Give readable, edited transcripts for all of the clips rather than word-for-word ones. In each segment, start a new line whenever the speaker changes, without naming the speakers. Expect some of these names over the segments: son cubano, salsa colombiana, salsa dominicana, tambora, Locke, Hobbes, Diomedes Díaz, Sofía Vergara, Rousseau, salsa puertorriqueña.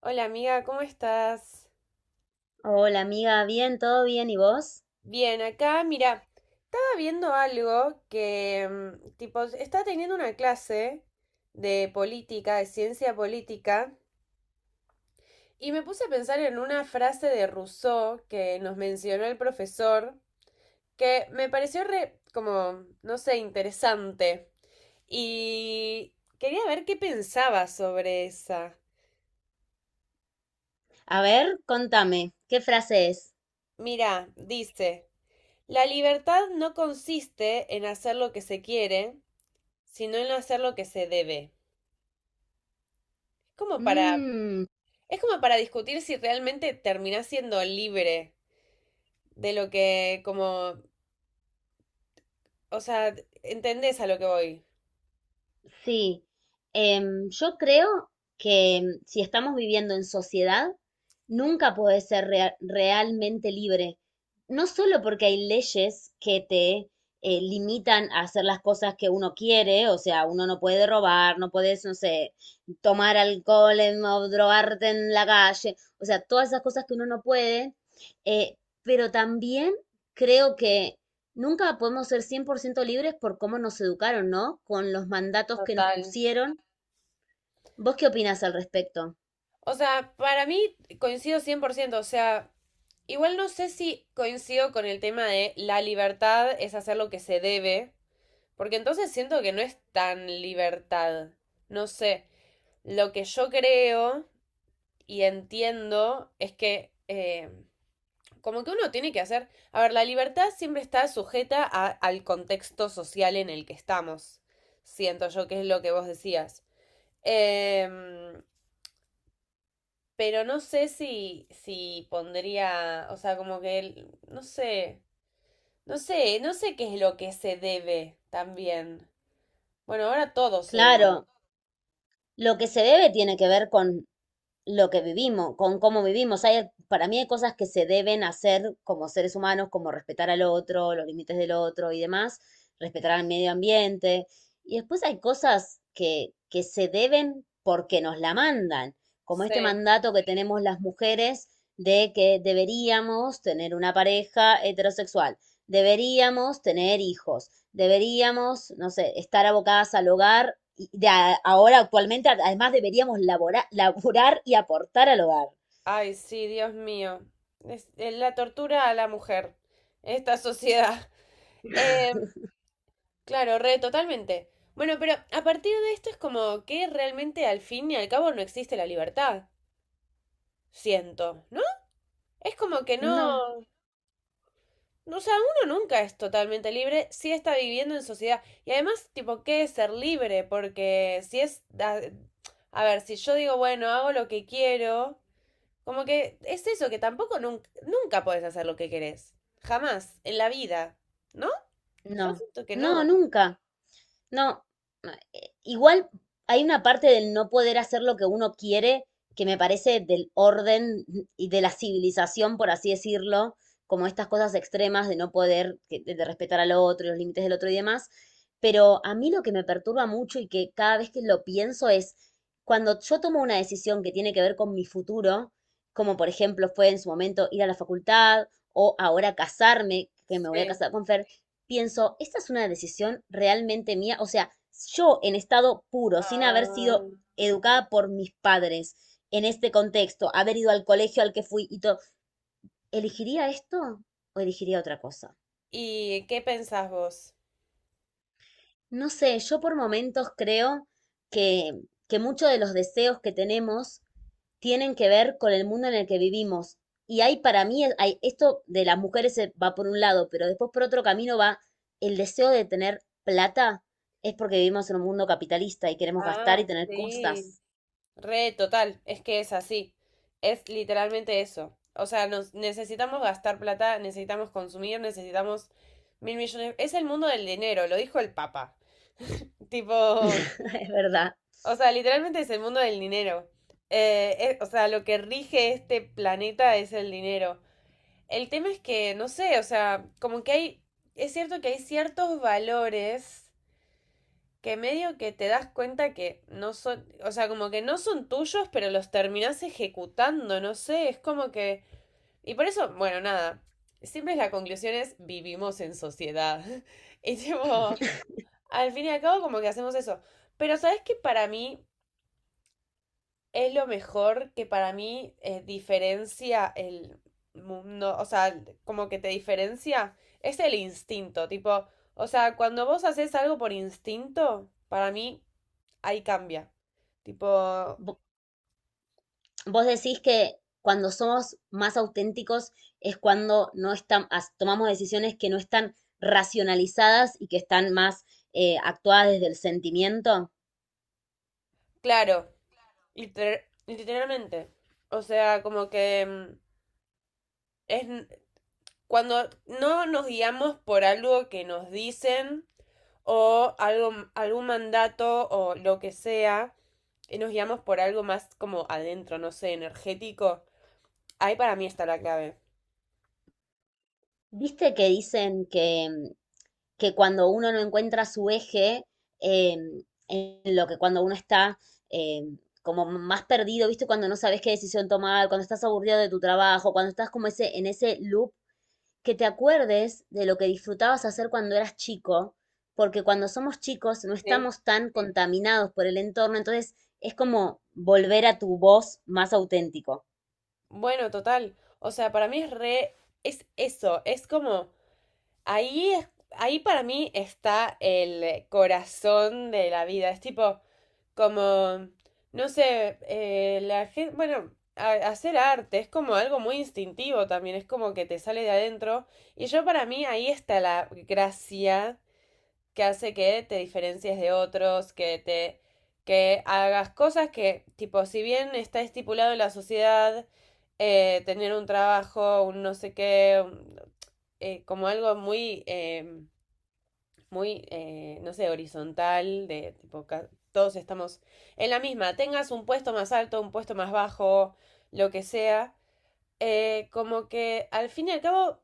Hola amiga, ¿cómo estás?
Hola amiga, bien, todo bien, ¿y vos?
Bien, acá, mira, estaba viendo algo que, tipo, estaba teniendo una clase de política, de ciencia política, y me puse a pensar en una frase de Rousseau que nos mencionó el profesor, que me pareció re, como, no sé, interesante, y quería ver qué pensaba sobre esa.
A ver, contame, ¿qué frase es?
Mira, dice, la libertad no consiste en hacer lo que se quiere, sino en no hacer lo que se debe. Como para, es como para discutir si realmente terminás siendo libre de lo que, como, o sea, entendés a lo que voy.
Sí, yo creo que si estamos viviendo en sociedad, nunca podés ser realmente libre. No solo porque hay leyes que te limitan a hacer las cosas que uno quiere, o sea, uno no puede robar, no puedes, no sé, tomar alcohol o drogarte en la calle, o sea, todas esas cosas que uno no puede, eh, pero también creo que nunca podemos ser 100% libres por cómo nos educaron, ¿no? Con los mandatos que nos
Total.
pusieron. ¿Vos qué opinás al respecto?
O sea, para mí coincido 100%, o sea, igual no sé si coincido con el tema de la libertad es hacer lo que se debe, porque entonces siento que no es tan libertad. No sé, lo que yo creo y entiendo es que como que uno tiene que hacer, a ver, la libertad siempre está sujeta al contexto social en el que estamos, siento yo que es lo que vos decías. Em, pero no sé si, si pondría, o sea, como que, no sé, no sé qué es lo que se debe también. Bueno, ahora todo se debe.
Claro, lo que se debe tiene que ver con lo que vivimos, con cómo vivimos. Hay, para mí hay cosas que se deben hacer como seres humanos, como respetar al otro, los límites del otro y demás, respetar al medio ambiente. Y después hay cosas que se deben porque nos la mandan, como este
Sí.
mandato que tenemos las mujeres de que deberíamos tener una pareja heterosexual, deberíamos tener hijos, deberíamos, no sé, estar abocadas al hogar y ahora actualmente además deberíamos laborar, laborar y aportar al hogar.
Ay, sí, Dios mío. Es la tortura a la mujer, esta sociedad. Em, Claro, re, totalmente. Bueno, pero a partir de esto es como que realmente al fin y al cabo no existe la libertad. Siento, ¿no? Es como que no.
No,
No, o sea, uno nunca es totalmente libre si está viviendo en sociedad. Y además, tipo, ¿qué es ser libre? Porque si es. A ver, si yo digo, bueno, hago lo que quiero. Como que es eso, que tampoco nunca podés hacer lo que querés. Jamás, en la vida. ¿No? Yo
no,
siento que
no,
no.
nunca. No, no, igual hay una parte del no poder hacer lo que uno quiere que me parece del orden y de la civilización, por así decirlo, como estas cosas extremas de no poder, de respetar al otro, y los límites del otro y demás. Pero a mí lo que me perturba mucho y que cada vez que lo pienso es cuando yo tomo una decisión que tiene que ver con mi futuro, como por ejemplo fue en su momento ir a la facultad o ahora casarme, que me voy a
Sí.
casar con Fer, pienso, ¿esta es una decisión realmente mía? O sea, yo en estado puro, sin haber
Ah.
sido educada por mis padres en este contexto, haber ido al colegio al que fui y todo, ¿elegiría esto o elegiría otra cosa?
¿Y qué pensás vos?
No sé, yo por momentos creo que, que muchos de los deseos que tenemos tienen que ver con el mundo en el que vivimos. Y hay para mí, hay, esto de las mujeres va por un lado, pero después por otro camino va el deseo de tener plata, es porque vivimos en un mundo capitalista y queremos gastar
Ah,
y tener
sí.
cosas.
Re total, es que es así. Es literalmente eso. O sea, nos necesitamos gastar plata, necesitamos consumir, necesitamos mil millones. Es el mundo del dinero, lo dijo el Papa. Tipo,
Es verdad.
o sea, literalmente es el mundo del dinero. O sea, lo que rige este planeta es el dinero. El tema es que, no sé, o sea, como que hay, es cierto que hay ciertos valores. Que medio que te das cuenta que no son, o sea, como que no son tuyos, pero los terminás ejecutando, no sé, es como que... Y por eso, bueno, nada, siempre la conclusión es vivimos en sociedad. Y tipo, al fin y al cabo como que hacemos eso. Pero ¿sabes que para mí es lo mejor que para mí diferencia el mundo, o sea, como que te diferencia? Es el instinto, tipo, o sea, cuando vos haces algo por instinto, para mí ahí cambia. Tipo,
Vo- Vos decís que cuando somos más auténticos es cuando no están, tomamos decisiones que no están racionalizadas y que están más actuadas desde el sentimiento.
claro, literalmente. O sea, como que es cuando no nos guiamos por algo que nos dicen o algo, algún mandato o lo que sea, y nos guiamos por algo más como adentro, no sé, energético. Ahí para mí está la clave.
¿Viste que dicen que que cuando uno no encuentra su eje, eh, en lo que cuando uno está eh, como más perdido, ¿viste? Cuando no sabes qué decisión tomar, cuando estás aburrido de tu trabajo, cuando estás en ese loop, que te acuerdes de lo que disfrutabas hacer cuando eras chico, porque cuando somos chicos no
Sí.
estamos tan contaminados por el entorno, entonces es como volver a tu voz más auténtico.
Bueno, total. O sea, para mí es re. Es eso. Es como ahí, ahí para mí está el corazón de la vida. Es tipo, como, no sé, la gente, bueno, hacer arte es como algo muy instintivo también, es como que te sale de adentro. Y yo para mí ahí está la gracia que hace que te diferencies de otros, que te, que hagas cosas que, tipo, si bien está estipulado en la sociedad, tener un trabajo, un no sé qué, como algo muy... muy, no sé, horizontal, de tipo, todos estamos en la misma, tengas un puesto más alto, un puesto más bajo, lo que sea, como que al fin y al cabo,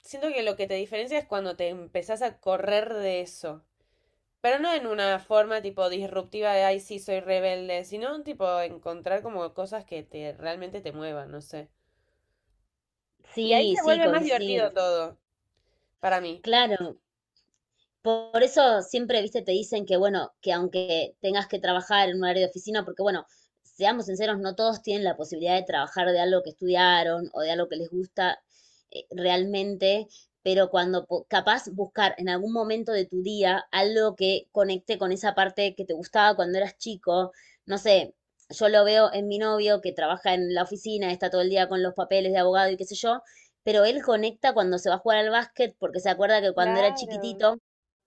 siento que lo que te diferencia es cuando te empezás a correr de eso. Pero no en una forma tipo disruptiva de, ay, sí, soy rebelde, sino tipo encontrar como cosas que te realmente te muevan, no sé. Y ahí
Sí,
se
sí,
vuelve más
coincido.
divertido todo, para mí.
Claro, por eso siempre, viste, te dicen que, bueno, que aunque tengas que trabajar en un área de oficina, porque, bueno, seamos sinceros, no todos tienen la posibilidad de trabajar de algo que estudiaron o de algo que les gusta realmente, pero capaz buscar en algún momento de tu día algo que conecte con esa parte que te gustaba cuando eras chico, no sé, yo lo veo en mi novio que trabaja en la oficina, está todo el día con los papeles de abogado y qué sé yo, pero él conecta cuando se va a jugar al básquet porque se acuerda que cuando era
Claro.
chiquitito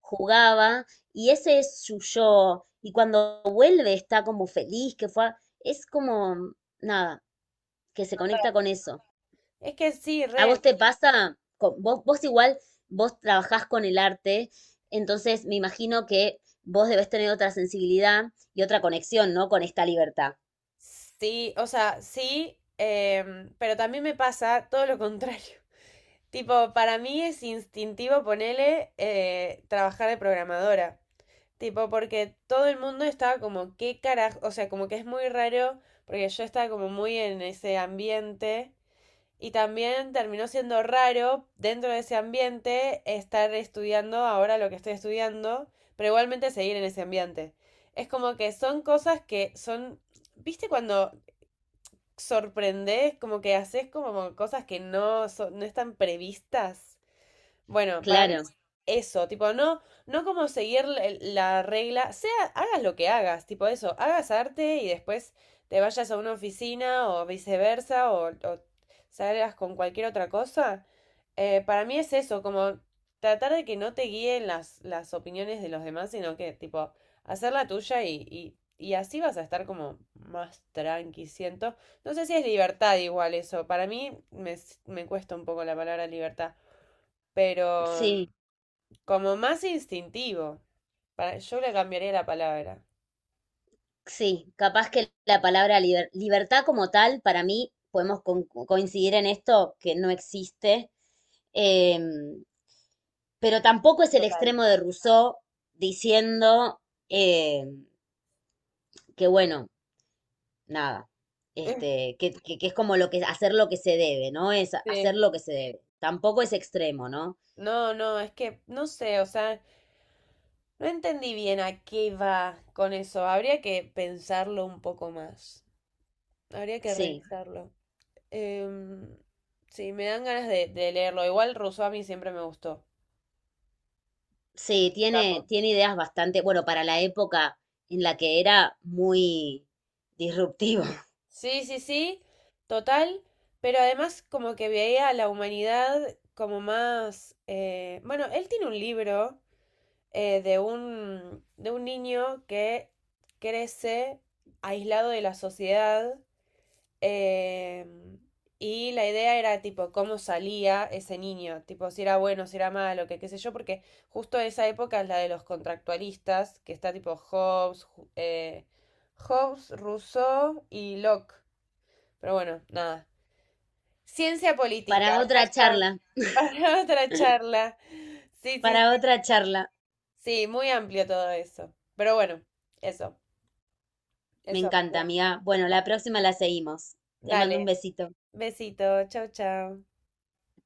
jugaba y ese es su yo. Y cuando vuelve está como feliz, es como, nada, que se conecta con eso.
Es que sí,
¿A vos
re.
te pasa? Vos igual, vos trabajás con el arte, entonces me imagino que vos debés tener otra sensibilidad y otra conexión, ¿no? Con esta libertad.
Sí, o sea, sí, pero también me pasa todo lo contrario. Tipo, para mí es instintivo ponerle trabajar de programadora. Tipo, porque todo el mundo estaba como, ¿qué carajo? O sea, como que es muy raro, porque yo estaba como muy en ese ambiente. Y también terminó siendo raro dentro de ese ambiente estar estudiando ahora lo que estoy estudiando, pero igualmente seguir en ese ambiente. Es como que son cosas que son ¿viste cuando sorprendés, como que haces como cosas que no, no están previstas. Bueno, para mí
Claro,
es eso, tipo, no, no como seguir la la regla, sea, hagas lo que hagas, tipo eso, hagas arte y después te vayas a una oficina o viceversa o salgas con cualquier otra cosa. Para mí es eso, como tratar de que no te guíen las opiniones de los demás, sino que, tipo, hacer la tuya y así vas a estar como más tranqui, siento. No sé si es libertad igual eso, me cuesta un poco la palabra libertad pero
sí,
como más instintivo. Para, yo le cambiaría la palabra.
sí, capaz que la palabra libertad como tal, para mí, podemos coincidir en esto, que no existe. Em, pero tampoco es el
Total.
extremo de Rousseau diciendo eh, que, bueno, nada, este, que es como lo que, hacer lo que se debe, ¿no? Es hacer
Sí.
lo que se debe. Tampoco es extremo, ¿no?
No, no, es que no sé, o sea, no entendí bien a qué va con eso. Habría que pensarlo un poco más. Habría que
Sí,
revisarlo. Em, sí, me dan ganas de leerlo. Igual Rousseau a mí siempre me gustó.
sí,
Capo.
tiene ideas bastante, bueno, para la época en la que era muy disruptivo.
Sí, sí, sí, total, pero además como que veía a la humanidad como más... Bueno, él tiene un libro de un niño que crece aislado de la sociedad, eh, y la idea era tipo cómo salía ese niño, tipo si era bueno, si era malo, que qué sé yo, porque justo esa época es la de los contractualistas, que está tipo Hobbes, eh, Hobbes, Rousseau y Locke. Pero bueno, nada. Ciencia política,
Para otra
hashtag,
charla,
para otra charla. Sí, sí,
para otra charla.
sí, muy amplio todo eso. Pero bueno, eso,
Me
eso,
encanta,
amigo.
amiga. Bueno, la próxima la seguimos. Te mando
Dale,
un besito.
besito, chao, chao.